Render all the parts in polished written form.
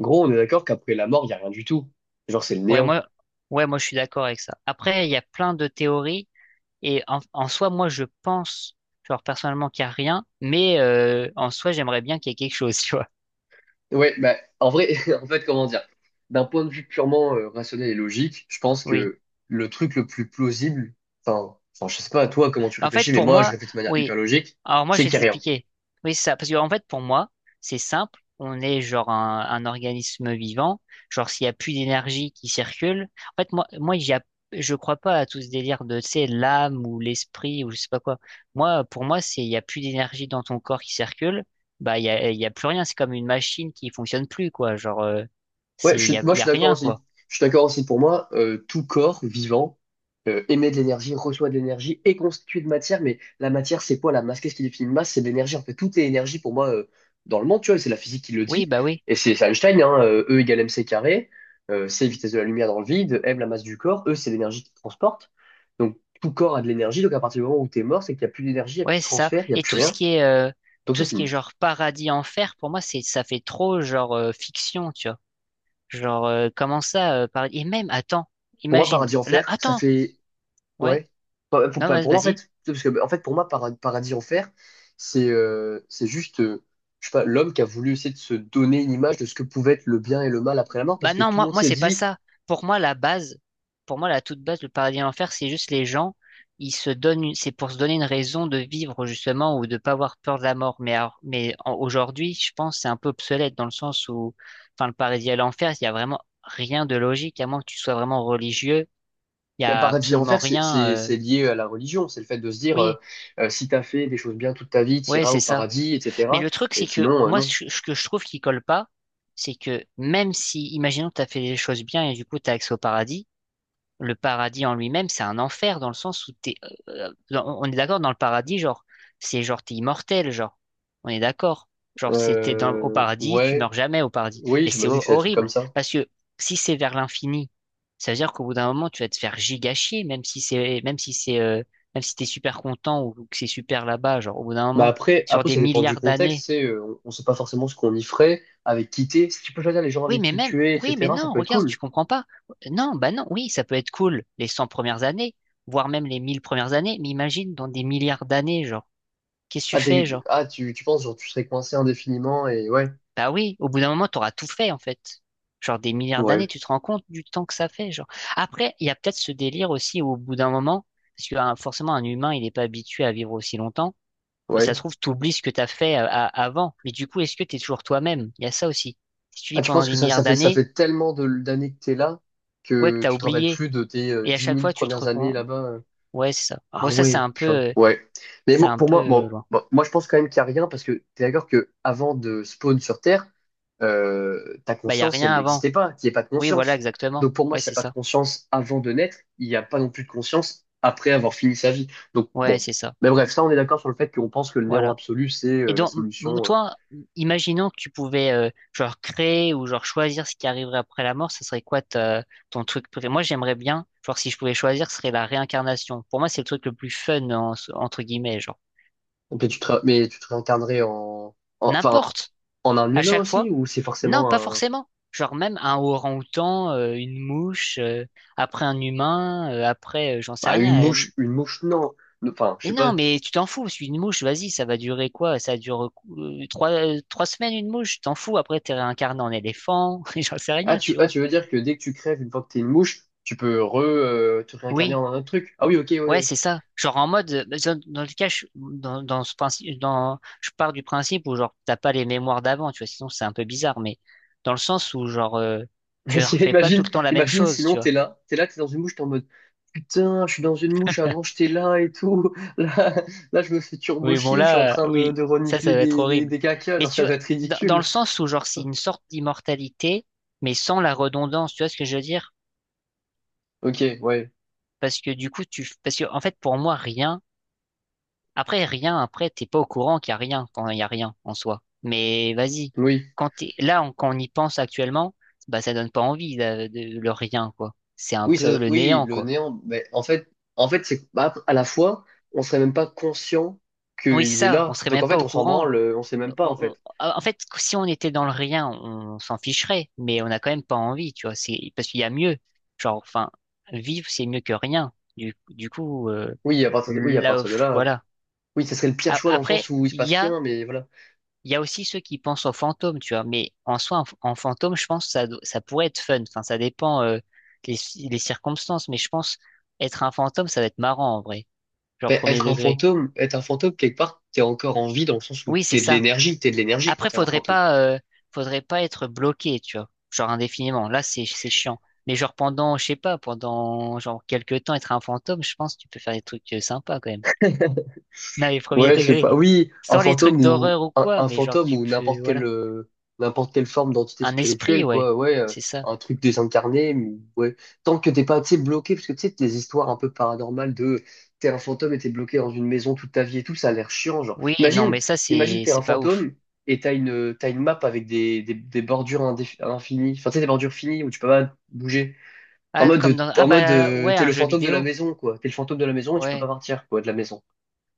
Gros, on est d'accord qu'après la mort, il n'y a rien du tout. Genre, c'est le Ouais, néant. moi, ouais, moi, je suis d'accord avec ça. Après, il y a plein de théories et en soi, moi, je pense, genre, personnellement, qu'il n'y a rien, mais en soi, j'aimerais bien qu'il y ait quelque chose, tu vois. Ouais, bah, en vrai, en fait, comment dire? D'un point de vue purement rationnel et logique, je pense Oui. que le truc le plus plausible, enfin, je sais pas à toi comment tu Bah, en fait, réfléchis, mais pour moi, je moi, réfléchis de manière hyper oui. logique, Alors moi, c'est je vais qu'il y a rien. t'expliquer. Oui, c'est ça. Parce que en fait, pour moi, c'est simple. On est genre un organisme vivant. Genre, s'il n'y a plus d'énergie qui circule. En fait, je crois pas à tout ce délire de, tu sais, l'âme ou l'esprit ou je sais pas quoi. Moi, pour moi, c'est il n'y a plus d'énergie dans ton corps qui circule. Bah, il y a plus rien. C'est comme une machine qui fonctionne plus, quoi. Genre, il y a, Moi il je y suis a d'accord rien, aussi. quoi. Je suis d'accord aussi. Pour moi, tout corps vivant émet de l'énergie, reçoit de l'énergie, est constitué de matière. Mais la matière, c'est quoi la masse? Qu'est-ce qui définit une masse? C'est de l'énergie. En fait, tout est énergie pour moi dans le monde. Tu vois, et c'est la physique qui le Oui, dit. bah oui. Et c'est Einstein, hein, E égale mc carré. C vitesse de la lumière dans le vide. M la masse du corps. E c'est l'énergie qui transporte. Donc tout corps a de l'énergie. Donc à partir du moment où tu es mort, c'est qu'il n'y a plus d'énergie, il n'y a plus Ouais, de c'est ça. transfert, il n'y a Et plus tout ce rien. qui est euh, Donc tout c'est ce qui est fini. genre paradis enfer, pour moi, c'est ça fait trop genre fiction, tu vois. Et même attends, Pour moi, imagine. paradis Là, enfer, ça attends. fait Ouais. ouais. Non, Pour moi, en vas-y. fait, parce que, en fait, pour moi, paradis enfer, c'est juste, je sais pas, l'homme qui a voulu essayer de se donner une image de ce que pouvait être le bien et le mal après la mort, parce Bah que non, tout le moi, monde moi, s'est c'est pas dit, ça. Pour moi, la base, pour moi, la toute base, le paradis et l'enfer, c'est juste les gens, ils se donnent, c'est pour se donner une raison de vivre, justement, ou de pas avoir peur de la mort. Aujourd'hui, je pense, que c'est un peu obsolète dans le sens où, enfin, le paradis et l'enfer, il y a vraiment rien de logique, à moins que tu sois vraiment religieux. Il y bah, a paradis absolument enfer, c'est rien, c'est- c'est lié à la religion, c'est le fait de se dire, oui, si t'as fait des choses bien toute ta vie, ouais, t'iras c'est au ça. paradis, Mais etc. le truc, Et c'est que, sinon, moi, non. ce que je trouve qui colle pas, c'est que même si, imaginons que t'as fait les choses bien et du coup, t'as accès au paradis, le paradis en lui-même, c'est un enfer dans le sens où t'es, on est d'accord dans le paradis, genre, c'est genre t'es immortel, genre, on est d'accord. Genre, c'était au paradis, tu meurs Ouais, jamais au paradis. oui, Mais c'est j'imagine que c'est des trucs horrible comme ça. parce que si c'est vers l'infini, ça veut dire qu'au bout d'un moment, tu vas te faire giga chier, même si c'est, même si t'es super content ou que c'est super là-bas, genre, au bout d'un Bah moment, après, sur après, des ça dépend du milliards contexte, d'années, c'est, on sait pas forcément ce qu'on y ferait, avec qui t'es. Si tu peux choisir les gens oui, avec mais qui même, tu es, oui, mais etc., ça non, peut être regarde, tu cool. comprends pas. Non, bah non, oui, ça peut être cool les 100 premières années, voire même les 1000 premières années, mais imagine dans des milliards d'années, genre, qu'est-ce que tu fais, genre? Tu penses, genre, tu serais coincé indéfiniment et Bah oui, au bout d'un moment, t'auras tout fait, en fait. Genre, des milliards d'années, ouais, tu te rends compte du temps que ça fait, genre. Après, il y a peut-être ce délire aussi où, au bout d'un moment, parce que hein, forcément, un humain, il n'est pas habitué à vivre aussi longtemps. Ça ouais. se trouve, t'oublies ce que t'as fait avant. Mais du coup, est-ce que t'es toujours toi-même? Il y a ça aussi. Si tu vis Ah, tu pendant penses que des ça, milliards ça d'années, fait tellement de, d'années que t'es là quoi que que t'as tu te rappelles oublié. plus de tes Et à 10 chaque 000 fois, tu te premières années recon... là-bas, euh? Ouais, c'est ça. Bon, Ah ça, c'est ouais, un peu, purée. euh, Ouais. C'est un Pour peu moi, euh, loin. Moi je pense quand même qu'il n'y a rien parce que t'es d'accord que avant de spawn sur Terre, ta Bah, y a conscience, rien elle avant. n'existait pas, qu'il n'y ait pas de Oui, voilà, conscience. exactement. Donc pour moi, Ouais, s'il n'y c'est a pas de ça. conscience avant de naître, il n'y a pas non plus de conscience après avoir fini sa vie. Donc Ouais, bon. c'est ça. Mais bref, ça on est d'accord sur le fait qu'on pense que le néant Voilà. absolu, c'est Et la donc, solution. toi, imaginons que tu pouvais, genre, créer ou genre choisir ce qui arriverait après la mort, ça serait quoi ton truc préféré? Moi, j'aimerais bien, genre, si je pouvais choisir, ce serait la réincarnation. Pour moi, c'est le truc le plus fun, entre guillemets, genre. Donc, mais tu te réincarnerais en, enfin, N'importe. en un À humain chaque aussi, fois. ou c'est Non, forcément pas un, forcément. Genre, même un orang-outan, une mouche, après un humain, après, j'en sais bah, rien. Une mouche, non. Enfin, je Mais sais pas. non, mais tu t'en fous, parce qu'une mouche, vas-y, ça va durer quoi? Ça dure 3 semaines, une mouche, t'en fous, après t'es réincarné en éléphant, j'en sais rien, tu Ah, vois. tu veux dire que dès que tu crèves, une fois que t'es une mouche, tu peux te réincarner Oui, en un autre truc. Ah oui, ok, ouais, ouais. c'est ça. Genre en mode, dans le cas, dans ce principe, je pars du principe où genre t'as pas les mémoires d'avant, tu vois, sinon c'est un peu bizarre, mais dans le sens où genre tu Si, refais pas tout le temps la même imagine, chose, sinon tu vois. T'es là, t'es dans une mouche, t'es en mode putain, je suis dans une mouche, avant j'étais là et tout. Là, je me fais turbo Oui, bon chier, je suis en là, train oui, de ça, renifler ça va être horrible. des cacas, Mais genre tu ça vois, doit être dans le ridicule. sens où genre c'est une sorte d'immortalité, mais sans la redondance, tu vois ce que je veux dire? Ok, ouais, Parce que du coup, parce que, en fait, pour moi, rien, après, rien, après, t'es pas au courant qu'il y a rien quand il y a rien en soi. Mais vas-y. oui, Quand on y pense actuellement, bah, ça donne pas envie, le rien, quoi. C'est un peu le oui, néant, le quoi. néant. Mais en fait, c'est bah, à la fois, on serait même pas conscient Oui, qu'il est ça, on là. serait Donc même en pas fait, au on s'en courant. branle, on sait même pas en On- on- fait. en fait, si on était dans le rien, on s'en ficherait, mais on a quand même pas envie, tu vois. C'est, parce qu'il y a mieux. Genre, enfin, vivre, c'est mieux que rien. Du coup, Oui, oui, à là, partir de pff, là, voilà. oui, ça serait le pire choix dans le Après, sens où il se il passe y a rien, mais voilà. Il y a aussi ceux qui pensent aux fantômes, tu vois, mais en soi, en fantôme, je pense que ça pourrait être fun. Enfin, ça dépend les circonstances, mais je pense être un fantôme, ça va être marrant en vrai, genre Ben, premier degré. Être un fantôme, quelque part, t'es encore en vie dans le sens où Oui, c'est ça. T'es de l'énergie quand Après, t'es un faudrait fantôme. pas, euh, faudrait pas être bloqué, tu vois, genre indéfiniment. Là, c'est chiant. Mais genre pendant, je sais pas, pendant genre quelques temps, être un fantôme, je pense que tu peux faire des trucs sympas quand même. Non, les premiers Ouais, je sais pas. degrés. Oui, Sans les trucs d'horreur ou quoi, un mais genre fantôme tu ou peux, voilà, n'importe quelle forme d'entité un esprit, spirituelle, ouais, quoi. Ouais, c'est ça. un truc désincarné. Mais ouais, tant que t'es pas, tu sais, bloqué, parce que tu sais, les histoires un peu paranormales de t'es un fantôme et t'es bloqué dans une maison toute ta vie et tout, ça a l'air chiant, genre. Oui, non, Imagine, mais ça, imagine c'est t'es un c'est pas ouf. fantôme et t'as une map avec des bordures infinies, enfin tu sais, des bordures finies où tu peux pas bouger. Ah, comme dans... Ah En mode bah ouais, t'es un le jeu fantôme de la vidéo. maison, quoi. T'es le fantôme de la maison et tu peux pas Ouais, partir, quoi, de la maison.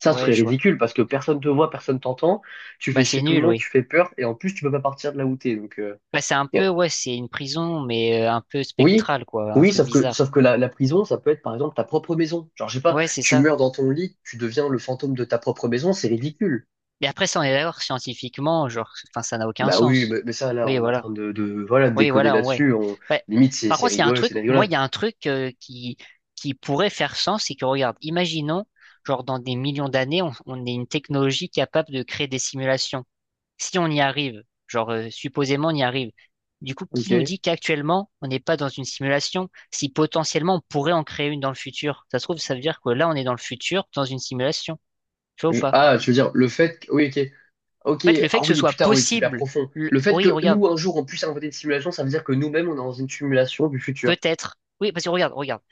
Ça ce ouais, serait je vois. ridicule parce que personne te voit, personne t'entend, tu Bah fais c'est chier tout le nul, monde, oui. tu fais peur et en plus tu peux pas partir de là où t'es. Donc Bah c'est un yeah. peu, ouais, c'est une prison, mais un peu Oui, spectrale, quoi, un truc bizarre. sauf que la prison, ça peut être par exemple ta propre maison. Genre je sais pas, Ouais, c'est tu ça. meurs dans ton lit, tu deviens le fantôme de ta propre maison, c'est ridicule. Et après, ça, on est d'accord, scientifiquement, genre, enfin, ça n'a aucun Bah oui, sens. Mais ça là, Oui, on est en voilà. train de voilà de Oui, déconner voilà, ouais. là-dessus. On Bah, limite c'est par c'est contre, il y a un rigole, c'est truc, une moi, il rigolade. y a un truc qui pourrait faire sens, c'est que, regarde, imaginons, genre, dans des millions d'années, on est une technologie capable de créer des simulations. Si on y arrive, genre supposément on y arrive, du coup, Ok. qui nous dit qu'actuellement on n'est pas dans une simulation, si potentiellement on pourrait en créer une dans le futur? Ça se trouve, ça veut dire que là on est dans le futur, dans une simulation. Tu vois ou Je- pas? Ah, tu veux dire le fait que... oui, ok. Ok, En fait, le fait ah que ce oui, soit putain, oui, c'est hyper possible, profond. Le fait oui, que regarde, nous, un jour, on puisse inventer des simulations, ça veut dire que nous-mêmes, on est dans une simulation du futur. peut-être. Oui, parce que regarde, regarde.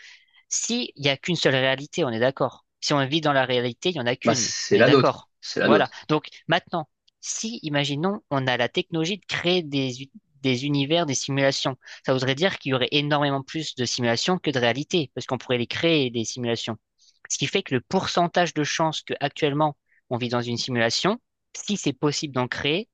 Si il n'y a qu'une seule réalité, on est d'accord. Si on vit dans la réalité, il n'y en a Bah, qu'une. On c'est est la nôtre. d'accord. C'est la Voilà. nôtre. Donc maintenant, si, imaginons, on a la technologie de créer des univers, des simulations, ça voudrait dire qu'il y aurait énormément plus de simulations que de réalités, parce qu'on pourrait les créer, des simulations. Ce qui fait que le pourcentage de chances que actuellement on vit dans une simulation, si c'est possible d'en créer,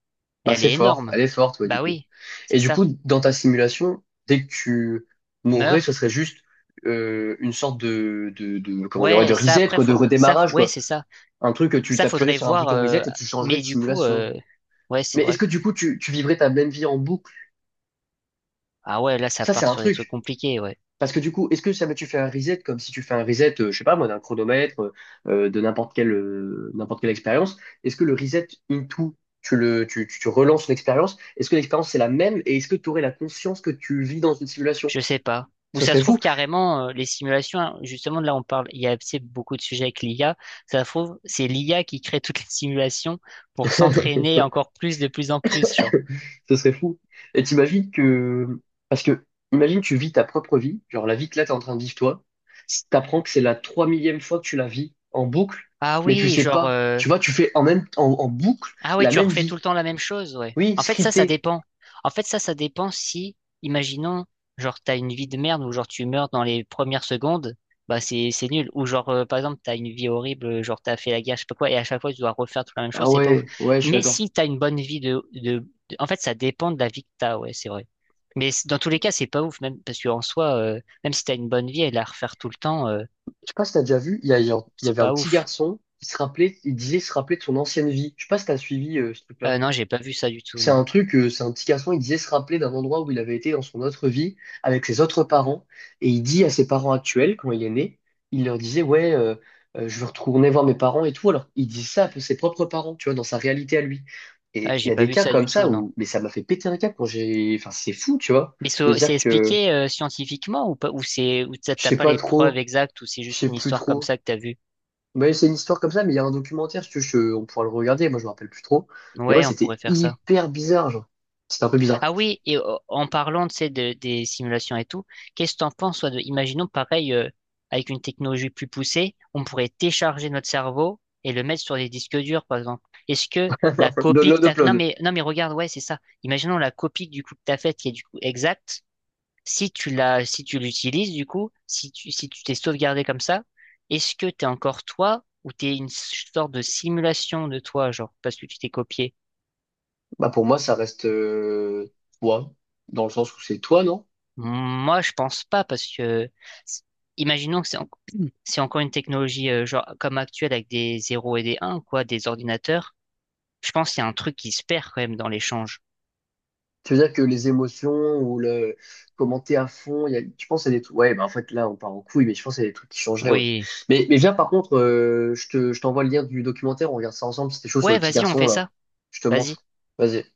Bah, elle c'est est fort. énorme. Elle est forte, ouais, du Bah coup. oui, Et c'est du ça. coup, dans ta simulation, dès que tu Meurt. mourrais, ce serait juste une sorte de, comment dire, ouais, de Ouais, ça reset, après quoi, de faut redémarrage, ouais, quoi. c'est ça. Un truc que tu Ça, t'appuierais faudrait sur un voir. bouton reset et tu changerais Mais de du coup, simulation. Ouais, c'est Mais est-ce vrai. que du coup, tu vivrais ta même vie en boucle? Ah ouais, là, ça Ça, c'est part un sur des trucs truc. compliqués, ouais. Parce que du coup, est-ce que ça va, tu fais un reset comme si tu fais un reset, je sais pas moi, d'un chronomètre, de n'importe quelle expérience? Est-ce que le reset into, tu le, tu relances l'expérience? Est-ce que l'expérience c'est la même et est-ce que tu aurais la conscience que tu vis dans une simulation? Je sais pas. Ou Ce ça se serait trouve fou. carrément, les simulations, hein, justement, là, on parle, il y a tu beaucoup de sujets avec l'IA. Ça se trouve, c'est l'IA qui crée toutes les simulations pour s'entraîner encore plus, de plus en plus, genre. Ce serait fou. Et t'imagines que, parce que, imagine tu vis ta propre vie, genre la vie que là t'es en train de vivre toi, t'apprends que c'est la 3000e fois que tu la vis en boucle, Ah mais tu oui, sais pas. Tu vois, tu fais en en boucle Ah ouais, la tu même refais tout vie. le temps la même chose, ouais. Oui, En fait, ça scriptée. dépend. En fait, ça dépend si, imaginons, genre, t'as une vie de merde ou genre tu meurs dans les premières secondes, bah c'est nul. Ou genre, par exemple, t'as une vie horrible, genre t'as fait la guerre, je sais pas quoi, et à chaque fois tu dois refaire toute la même Ah chose, c'est pas ouf. ouais, ouais, je suis Mais d'accord. si t'as une bonne vie En fait, ça dépend de la vie que t'as, ouais, c'est vrai. Mais dans tous les cas, c'est pas ouf, même parce qu'en soi, même si t'as une bonne vie et la refaire tout le temps, Je sais pas si t'as déjà vu, il y c'est avait un pas petit ouf. garçon qui se rappelait, il disait se rappeler de son ancienne vie. Je sais pas si t'as suivi ce truc-là. Non, j'ai pas vu ça du tout, C'est non. un truc, c'est un petit garçon, il disait se rappeler d'un endroit où il avait été dans son autre vie avec ses autres parents. Et il dit à ses parents actuels, quand il est né, il leur disait, ouais, je veux retourner voir mes parents et tout. Alors, il dit ça à ses propres parents, tu vois, dans sa réalité à lui. Ah, Et il j'ai y a pas des vu cas ça du comme tout, ça non. où, mais ça m'a fait péter un câble quand j'ai, enfin, c'est fou, tu vois, Mais de c'est dire c'est que expliqué scientifiquement ou pas, ou t'as je t'as sais pas pas les preuves trop. exactes ou c'est Je juste sais une plus histoire comme trop. ça que t'as vue? Mais c'est une histoire comme ça, mais il y a un documentaire, si tu veux, je- on pourra le regarder, moi je me rappelle plus trop. Mais ouais, Ouais, on pourrait c'était faire ça. hyper bizarre, genre. C'était un peu bizarre. Ah oui, et en parlant, tu sais, des simulations et tout, qu'est-ce que t'en penses, toi, imaginons pareil, avec une technologie plus poussée, on pourrait télécharger notre cerveau et le mettre sur des disques durs, par exemple. Est-ce que la copie que Download, t'as, non upload. mais, non mais regarde, ouais, c'est ça. Imaginons la copie du coup que t'as faite qui est du coup exacte. Si tu l'as, si tu l'utilises, du coup, si tu t'es sauvegardé comme ça, est-ce que t'es encore toi ou t'es une sorte de simulation de toi, genre, parce que tu t'es copié? Bah pour moi, ça reste toi, dans le sens où c'est toi, non? Moi, je pense pas parce que, s- imaginons que c'est encore une technologie, genre, comme actuelle avec des zéros et des 1, quoi, des ordinateurs. Je pense qu'il y a un truc qui se perd quand même dans l'échange. Tu veux dire que les émotions ou le commenter à fond, il y a, je pense que c'est des trucs. Ouais, bah en fait là, on part en couille, mais je pense que c'est des trucs qui changeraient, ouais. Oui. Mais viens, par contre, je t'envoie le lien du documentaire, on regarde ça ensemble, c'était chaud sur Ouais, le petit vas-y, on garçon, fait là. ça. Je te Vas-y. montre. Vas-y.